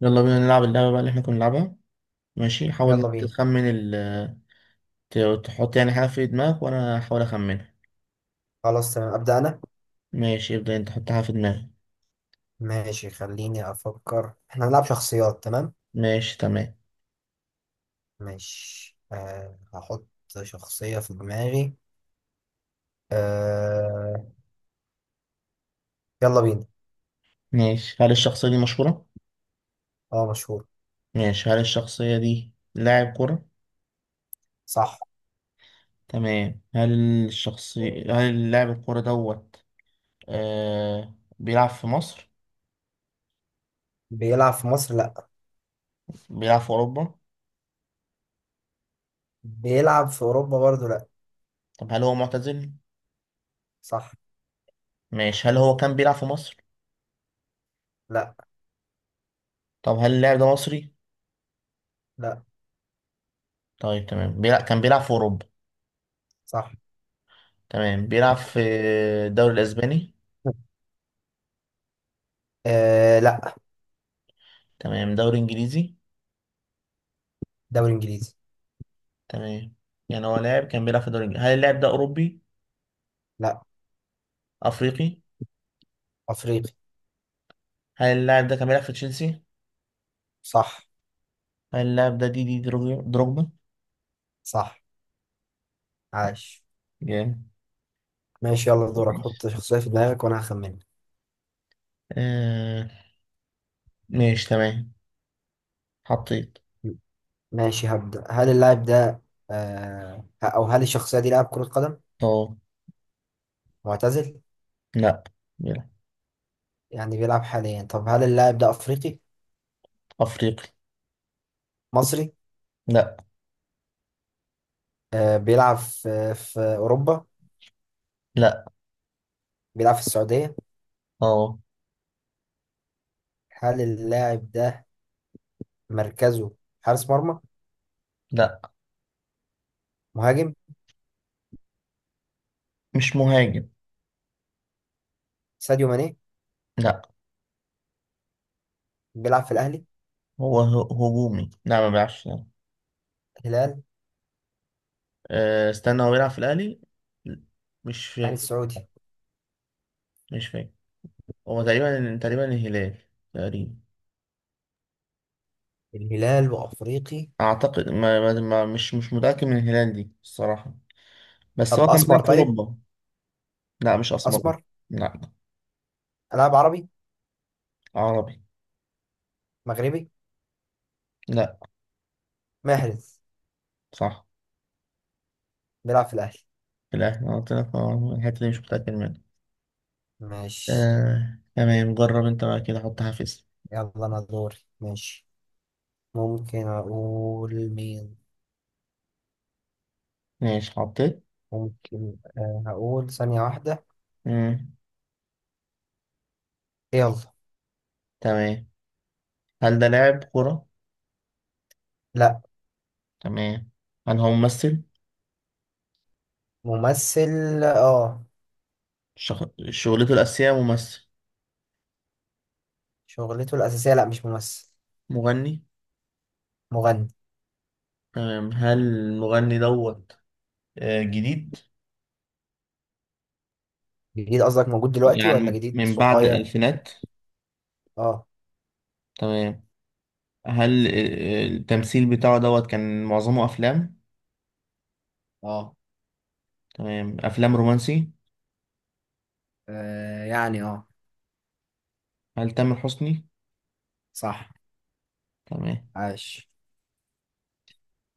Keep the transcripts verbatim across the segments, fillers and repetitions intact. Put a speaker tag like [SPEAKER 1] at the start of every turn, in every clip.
[SPEAKER 1] يلا بينا نلعب اللعبة بقى اللي احنا كنا بنلعبها. ماشي، حاول
[SPEAKER 2] يلا بينا.
[SPEAKER 1] تخمن ال ت- تحط يعني حاجة في دماغك وأنا هحاول أخمنها.
[SPEAKER 2] خلاص تمام، أبدأ أنا.
[SPEAKER 1] ماشي، ابدأ أنت، حط حاجة في دماغك.
[SPEAKER 2] ماشي، خليني أفكر، إحنا هنلعب شخصيات. تمام.
[SPEAKER 1] ماشي، تمام.
[SPEAKER 2] ماشي، أه هحط شخصية في دماغي. أه يلا بينا.
[SPEAKER 1] ماشي، هل الشخصية دي مشهورة؟
[SPEAKER 2] أه مشهور.
[SPEAKER 1] ماشي، هل الشخصية دي لاعب كرة؟
[SPEAKER 2] صح.
[SPEAKER 1] تمام. هل الشخصية هل لاعب الكرة دوت آه... بيلعب في مصر؟
[SPEAKER 2] بيلعب في مصر؟ لأ.
[SPEAKER 1] بيلعب في أوروبا؟
[SPEAKER 2] بيلعب في أوروبا؟ برضو لأ.
[SPEAKER 1] طب هل هو معتزل؟
[SPEAKER 2] صح.
[SPEAKER 1] ماشي، هل هو كان بيلعب في مصر؟
[SPEAKER 2] لأ.
[SPEAKER 1] طب هل اللاعب ده مصري؟
[SPEAKER 2] لأ.
[SPEAKER 1] طيب تمام، بيلعب كان بيلعب في أوروبا.
[SPEAKER 2] صح.
[SPEAKER 1] تمام، بيلعب في الدوري الأسباني.
[SPEAKER 2] أه لأ.
[SPEAKER 1] تمام، دوري انجليزي.
[SPEAKER 2] دوري إنجليزي.
[SPEAKER 1] تمام، يعني هو لاعب كان بيلعب في دوري انجليزي، هل اللاعب ده اوروبي؟
[SPEAKER 2] لأ.
[SPEAKER 1] افريقي.
[SPEAKER 2] أفريقي.
[SPEAKER 1] هل اللاعب ده كان بيلعب في تشيلسي؟
[SPEAKER 2] صح.
[SPEAKER 1] هل اللاعب ده دي دي دروجبا دروجبا؟
[SPEAKER 2] صح. عاش.
[SPEAKER 1] جامد.
[SPEAKER 2] ماشي، يلا دورك،
[SPEAKER 1] ماشي،
[SPEAKER 2] حط شخصية في دماغك وأنا هخمنها.
[SPEAKER 1] آه ماشي، تمام، حطيت.
[SPEAKER 2] ماشي، هبدأ. هل اللاعب ده آه أو هل الشخصية دي لاعب كرة قدم؟
[SPEAKER 1] اه،
[SPEAKER 2] معتزل؟
[SPEAKER 1] لا. بيلعب.
[SPEAKER 2] يعني بيلعب حاليا. طب هل اللاعب ده أفريقي؟
[SPEAKER 1] افريقي.
[SPEAKER 2] مصري؟
[SPEAKER 1] لا،
[SPEAKER 2] آه بيلعب في, في أوروبا.
[SPEAKER 1] لا،
[SPEAKER 2] بيلعب في السعودية.
[SPEAKER 1] اه،
[SPEAKER 2] هل اللاعب ده مركزه حارس مرمى؟
[SPEAKER 1] لا.
[SPEAKER 2] مهاجم.
[SPEAKER 1] مش مهاجم.
[SPEAKER 2] ساديو ماني.
[SPEAKER 1] لا،
[SPEAKER 2] بيلعب في الأهلي.
[SPEAKER 1] هو ه- هجومي، لا، ما بيلعبش، لا.
[SPEAKER 2] الهلال.
[SPEAKER 1] آه استنى، هو بيلعب في الاهلي؟ مش
[SPEAKER 2] الأهلي
[SPEAKER 1] فاكر.
[SPEAKER 2] السعودي.
[SPEAKER 1] مش فاكر. هو تقريبا تقريبا الهلال. تقريبا.
[SPEAKER 2] الهلال وأفريقي.
[SPEAKER 1] اعتقد ما ما ما- مش مش متاكد من الهلال دي الصراحه. بس هو
[SPEAKER 2] طب
[SPEAKER 1] كان بيلعب
[SPEAKER 2] أسمر
[SPEAKER 1] في
[SPEAKER 2] طيب.
[SPEAKER 1] اوروبا. لا مش اسمر.
[SPEAKER 2] أسمر.
[SPEAKER 1] لا.
[SPEAKER 2] لاعب عربي.
[SPEAKER 1] عربي.
[SPEAKER 2] مغربي.
[SPEAKER 1] لا.
[SPEAKER 2] محرز.
[SPEAKER 1] صح.
[SPEAKER 2] بيلعب في الأهلي.
[SPEAKER 1] في الاهلي، أنا قلت لك، آه، الحته دي مش متاكد منها.
[SPEAKER 2] ماشي.
[SPEAKER 1] آه. تمام، جرب انت بقى كده، حط حافز.
[SPEAKER 2] يلا أنا دوري. ماشي، ممكن أقول مين.
[SPEAKER 1] ماشي، حطيت.
[SPEAKER 2] ممكن، آه، هقول ثانية واحدة.
[SPEAKER 1] مم.
[SPEAKER 2] يلا.
[SPEAKER 1] تمام. هل ده لاعب كرة؟
[SPEAKER 2] لا.
[SPEAKER 1] تمام. هل هو ممثل؟
[SPEAKER 2] ممثل، اه.
[SPEAKER 1] شغ... شغلته الأساسية ممثل.
[SPEAKER 2] شغلته الأساسية لا، مش ممثل.
[SPEAKER 1] مغني.
[SPEAKER 2] مغني.
[SPEAKER 1] تمام. هل المغني دوت آه، جديد؟
[SPEAKER 2] جديد؟ قصدك موجود دلوقتي ولا
[SPEAKER 1] يعني
[SPEAKER 2] جديد
[SPEAKER 1] من بعد
[SPEAKER 2] صغير؟
[SPEAKER 1] الألفينات.
[SPEAKER 2] اه.
[SPEAKER 1] تمام. هل التمثيل بتاعه دوت كان معظمه أفلام؟
[SPEAKER 2] اه.
[SPEAKER 1] تمام، أفلام رومانسي.
[SPEAKER 2] آه، يعني اه
[SPEAKER 1] هل تامر حسني؟
[SPEAKER 2] صح.
[SPEAKER 1] تمام.
[SPEAKER 2] عاش.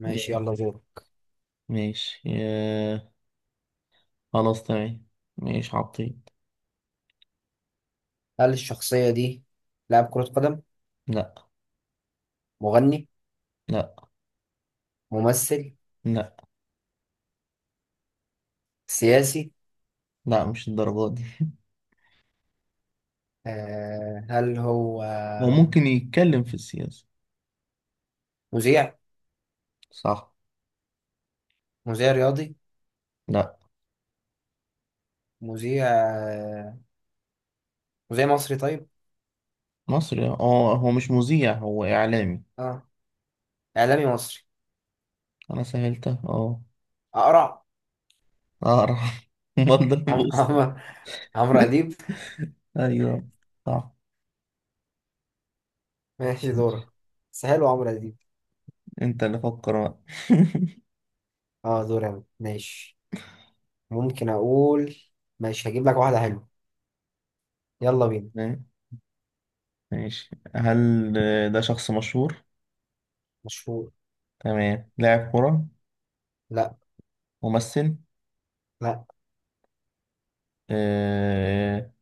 [SPEAKER 2] ماشي،
[SPEAKER 1] جامد.
[SPEAKER 2] يلا دور.
[SPEAKER 1] ماشي، آه، خلاص تمام. ماشي عبطيط.
[SPEAKER 2] هل الشخصية دي لاعب كرة قدم؟
[SPEAKER 1] لا.
[SPEAKER 2] مغني؟
[SPEAKER 1] لا.
[SPEAKER 2] ممثل؟
[SPEAKER 1] لا.
[SPEAKER 2] سياسي؟
[SPEAKER 1] لا، مش الدرجات دي.
[SPEAKER 2] آه هل هو
[SPEAKER 1] هو ممكن يتكلم في السياسة.
[SPEAKER 2] مذيع؟
[SPEAKER 1] صح.
[SPEAKER 2] مذيع رياضي؟
[SPEAKER 1] لا.
[SPEAKER 2] مذيع، آه، مذيع مصري؟ طيب.
[SPEAKER 1] مصري، اه، هو مش مذيع، هو إعلامي.
[SPEAKER 2] اه. اعلامي مصري.
[SPEAKER 1] أنا سهلتها، اه.
[SPEAKER 2] اقرع.
[SPEAKER 1] أقرأ. مضى
[SPEAKER 2] عمرو
[SPEAKER 1] بوسطة.
[SPEAKER 2] عمرو عمرو اديب.
[SPEAKER 1] أيوه. صح.
[SPEAKER 2] ماشي دورك. بس حلو، عمرو اديب.
[SPEAKER 1] أنت اللي فكر بقى.
[SPEAKER 2] اه دوري أنا. ماشي. ممكن اقول. ماشي، هجيب لك واحده حلوه. يلا بينا.
[SPEAKER 1] ماشي. هل ده شخص مشهور؟
[SPEAKER 2] مشهور.
[SPEAKER 1] تمام. لاعب كرة؟
[SPEAKER 2] لا.
[SPEAKER 1] ممثل؟
[SPEAKER 2] لا.
[SPEAKER 1] آه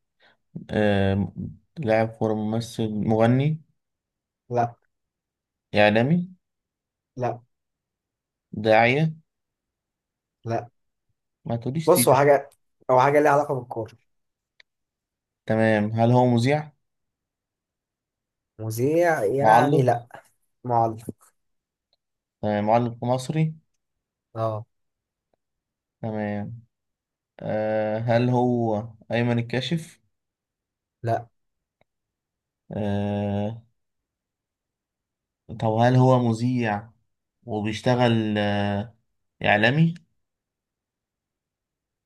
[SPEAKER 1] آه لاعب كرة، ممثل، مغني؟
[SPEAKER 2] لا.
[SPEAKER 1] إعلامي؟
[SPEAKER 2] لا.
[SPEAKER 1] داعية؟
[SPEAKER 2] لا.
[SPEAKER 1] ما تقوليش
[SPEAKER 2] بص هو
[SPEAKER 1] سيرة.
[SPEAKER 2] حاجه. هو حاجه ليها علاقه بالكوره.
[SPEAKER 1] تمام. هل هو مذيع؟
[SPEAKER 2] مذيع يعني،
[SPEAKER 1] معلق؟
[SPEAKER 2] لا. معلق.
[SPEAKER 1] تمام، معلق مصري؟
[SPEAKER 2] اه.
[SPEAKER 1] تمام. آه هل هو أيمن الكاشف؟
[SPEAKER 2] لا.
[SPEAKER 1] آه. طب هل هو مذيع وبيشتغل آه إعلامي؟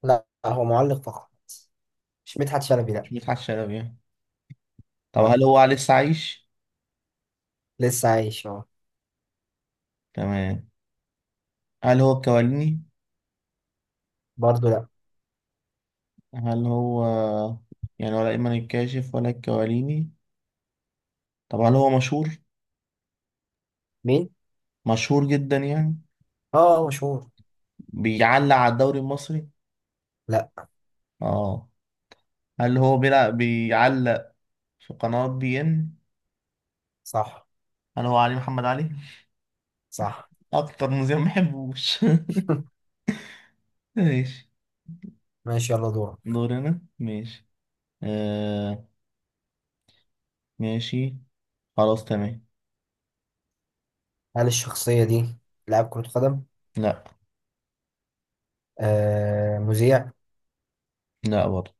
[SPEAKER 2] لا، هو معلق فقط. مش مدحت شلبي، لا.
[SPEAKER 1] مش مدحت شلبي يعني. طب
[SPEAKER 2] لا.
[SPEAKER 1] هل هو لسه عايش؟
[SPEAKER 2] لسه عايش، اه.
[SPEAKER 1] تمام. هل هو الكواليني؟
[SPEAKER 2] برضه لا.
[SPEAKER 1] هل هو يعني ولا إيمان الكاشف ولا الكواليني؟ طب هل هو مشهور؟
[SPEAKER 2] مين؟
[SPEAKER 1] مشهور جدا يعني.
[SPEAKER 2] اه مشهور.
[SPEAKER 1] بيعلق على الدوري المصري؟
[SPEAKER 2] لا.
[SPEAKER 1] اه. هل هو بيلعب بيعلق في قناة بي ان؟
[SPEAKER 2] صح.
[SPEAKER 1] هل هو علي محمد علي؟
[SPEAKER 2] صح.
[SPEAKER 1] اكتر مذيع ما بحبوش. ماشي.
[SPEAKER 2] ماشي، يلا دورك.
[SPEAKER 1] دورنا ماشي. آه، ماشي، خلاص، تمام.
[SPEAKER 2] هل الشخصية دي لاعب كرة قدم؟
[SPEAKER 1] لا.
[SPEAKER 2] آه، مذيع؟
[SPEAKER 1] لا برضه.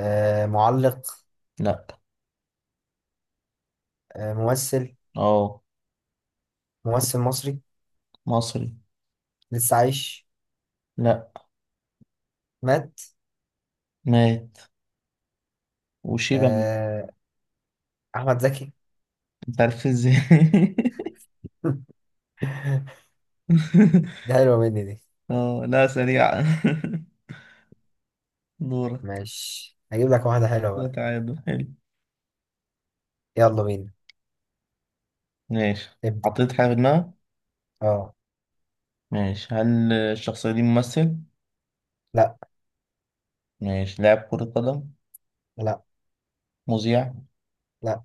[SPEAKER 2] آه، معلق؟
[SPEAKER 1] لا.
[SPEAKER 2] آه، ممثل؟
[SPEAKER 1] اه.
[SPEAKER 2] ممثل مصري.
[SPEAKER 1] مصري.
[SPEAKER 2] لسه عايش.
[SPEAKER 1] لا.
[SPEAKER 2] مات.
[SPEAKER 1] مات. وشيبة مات.
[SPEAKER 2] آه، أحمد زكي.
[SPEAKER 1] انت عارف ازاي؟
[SPEAKER 2] دي حلوة مني دي.
[SPEAKER 1] اه، لا، سريعة. دورك.
[SPEAKER 2] ماشي، هجيب لك واحدة حلوة
[SPEAKER 1] يا
[SPEAKER 2] بقى.
[SPEAKER 1] تعادل حلو.
[SPEAKER 2] يلا بينا.
[SPEAKER 1] ماشي.
[SPEAKER 2] ابدأ.
[SPEAKER 1] حطيت حاجة في دماغك.
[SPEAKER 2] اه.
[SPEAKER 1] ماشي، هل الشخصية دي ممثل؟
[SPEAKER 2] لا.
[SPEAKER 1] ماشي، لاعب كرة قدم؟
[SPEAKER 2] لا.
[SPEAKER 1] مذيع؟
[SPEAKER 2] لا.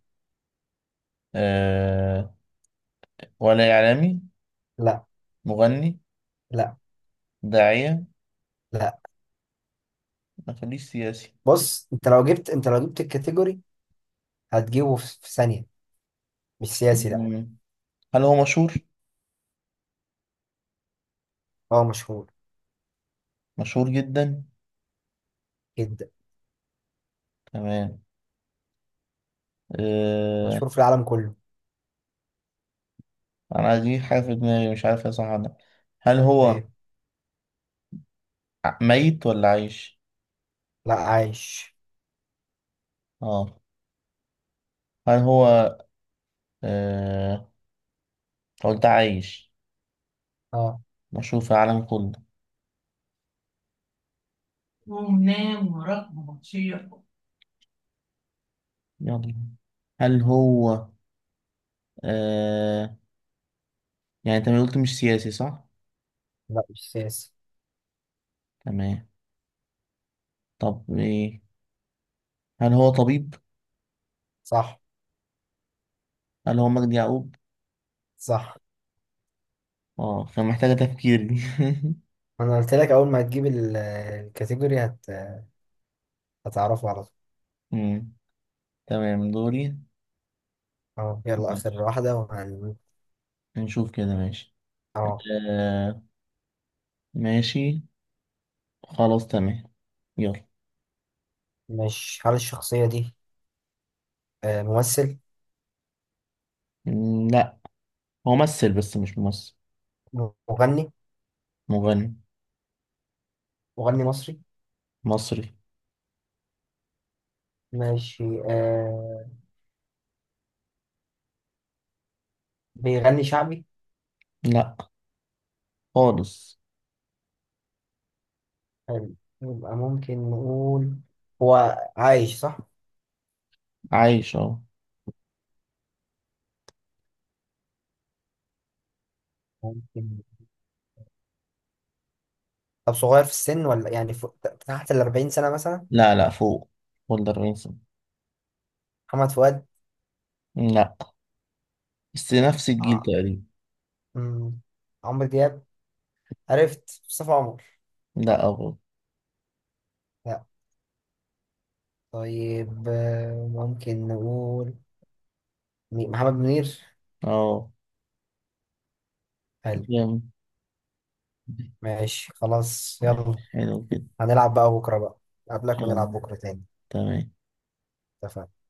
[SPEAKER 1] أه ولا إعلامي؟
[SPEAKER 2] لا.
[SPEAKER 1] مغني؟
[SPEAKER 2] لا.
[SPEAKER 1] داعية؟
[SPEAKER 2] لا.
[SPEAKER 1] ما خليش سياسي.
[SPEAKER 2] بص، انت لو جبت انت لو جبت الكاتيجوري، هتجيبه في في ثانية. مش سياسي، لا.
[SPEAKER 1] مم. هل هو مشهور؟
[SPEAKER 2] اه مشهور
[SPEAKER 1] مشهور جدا؟
[SPEAKER 2] جدا.
[SPEAKER 1] تمام. أه.
[SPEAKER 2] مشهور في العالم كله.
[SPEAKER 1] أنا دي حاجة في دماغي، مش عارف يا صح ولا لأ. هل هو
[SPEAKER 2] ايه.
[SPEAKER 1] ع- ميت ولا عايش؟
[SPEAKER 2] لا عايش.
[SPEAKER 1] اه. هل هو أه قلت عايش؟
[SPEAKER 2] اه.
[SPEAKER 1] مشهور في العالم كله. ونام ورقم ومطيع. يلا. هل هو آه يعني انت ما قلت مش سياسي صح؟
[SPEAKER 2] لا، مش سياسي.
[SPEAKER 1] تمام. طب ايه؟ هل هو طبيب؟
[SPEAKER 2] صح.
[SPEAKER 1] هل هو مجدي يعقوب؟
[SPEAKER 2] صح.
[SPEAKER 1] اه، كان محتاجة تفكير دي.
[SPEAKER 2] انا قلت لك، اول ما تجيب ال- الكاتيجوري هت... هتعرفه على طول.
[SPEAKER 1] مم. تمام، دوري.
[SPEAKER 2] اه يلا، اخر
[SPEAKER 1] ماشي.
[SPEAKER 2] واحده وهن.
[SPEAKER 1] نشوف كده، ماشي.
[SPEAKER 2] اه.
[SPEAKER 1] آه ماشي، خلاص تمام. يلا.
[SPEAKER 2] مش هل الشخصيه دي آه، ممثل؟
[SPEAKER 1] مم، لا. هو ممثل بس مش ممثل.
[SPEAKER 2] مغني.
[SPEAKER 1] مغني.
[SPEAKER 2] مغني مصري.
[SPEAKER 1] مصري.
[SPEAKER 2] ماشي. آه بيغني شعبي؟
[SPEAKER 1] لا خالص.
[SPEAKER 2] حلو. يبقى ممكن نقول هو عايش، صح؟
[SPEAKER 1] عايش اهو.
[SPEAKER 2] ممكن. طب صغير في السن ولا يعني فوق... تحت ال أربعين سنه مثلا.
[SPEAKER 1] لا، لا، فوق. بولدر وينسون.
[SPEAKER 2] محمد فؤاد.
[SPEAKER 1] لا. بس نفس الجيل
[SPEAKER 2] ع...
[SPEAKER 1] تقريبا.
[SPEAKER 2] مم. عمرو دياب. عرفت مصطفى عمر.
[SPEAKER 1] لا، أبو.
[SPEAKER 2] طيب، آه، ممكن نقول مي- محمد منير.
[SPEAKER 1] اه.
[SPEAKER 2] حلو.
[SPEAKER 1] جامد.
[SPEAKER 2] ماشي، خلاص يلا.
[SPEAKER 1] حلو كده.
[SPEAKER 2] هنلعب بقى بكرة بقى. قبلك ونلعب
[SPEAKER 1] كلام.
[SPEAKER 2] بكرة تاني.
[SPEAKER 1] تمام.
[SPEAKER 2] اتفقنا.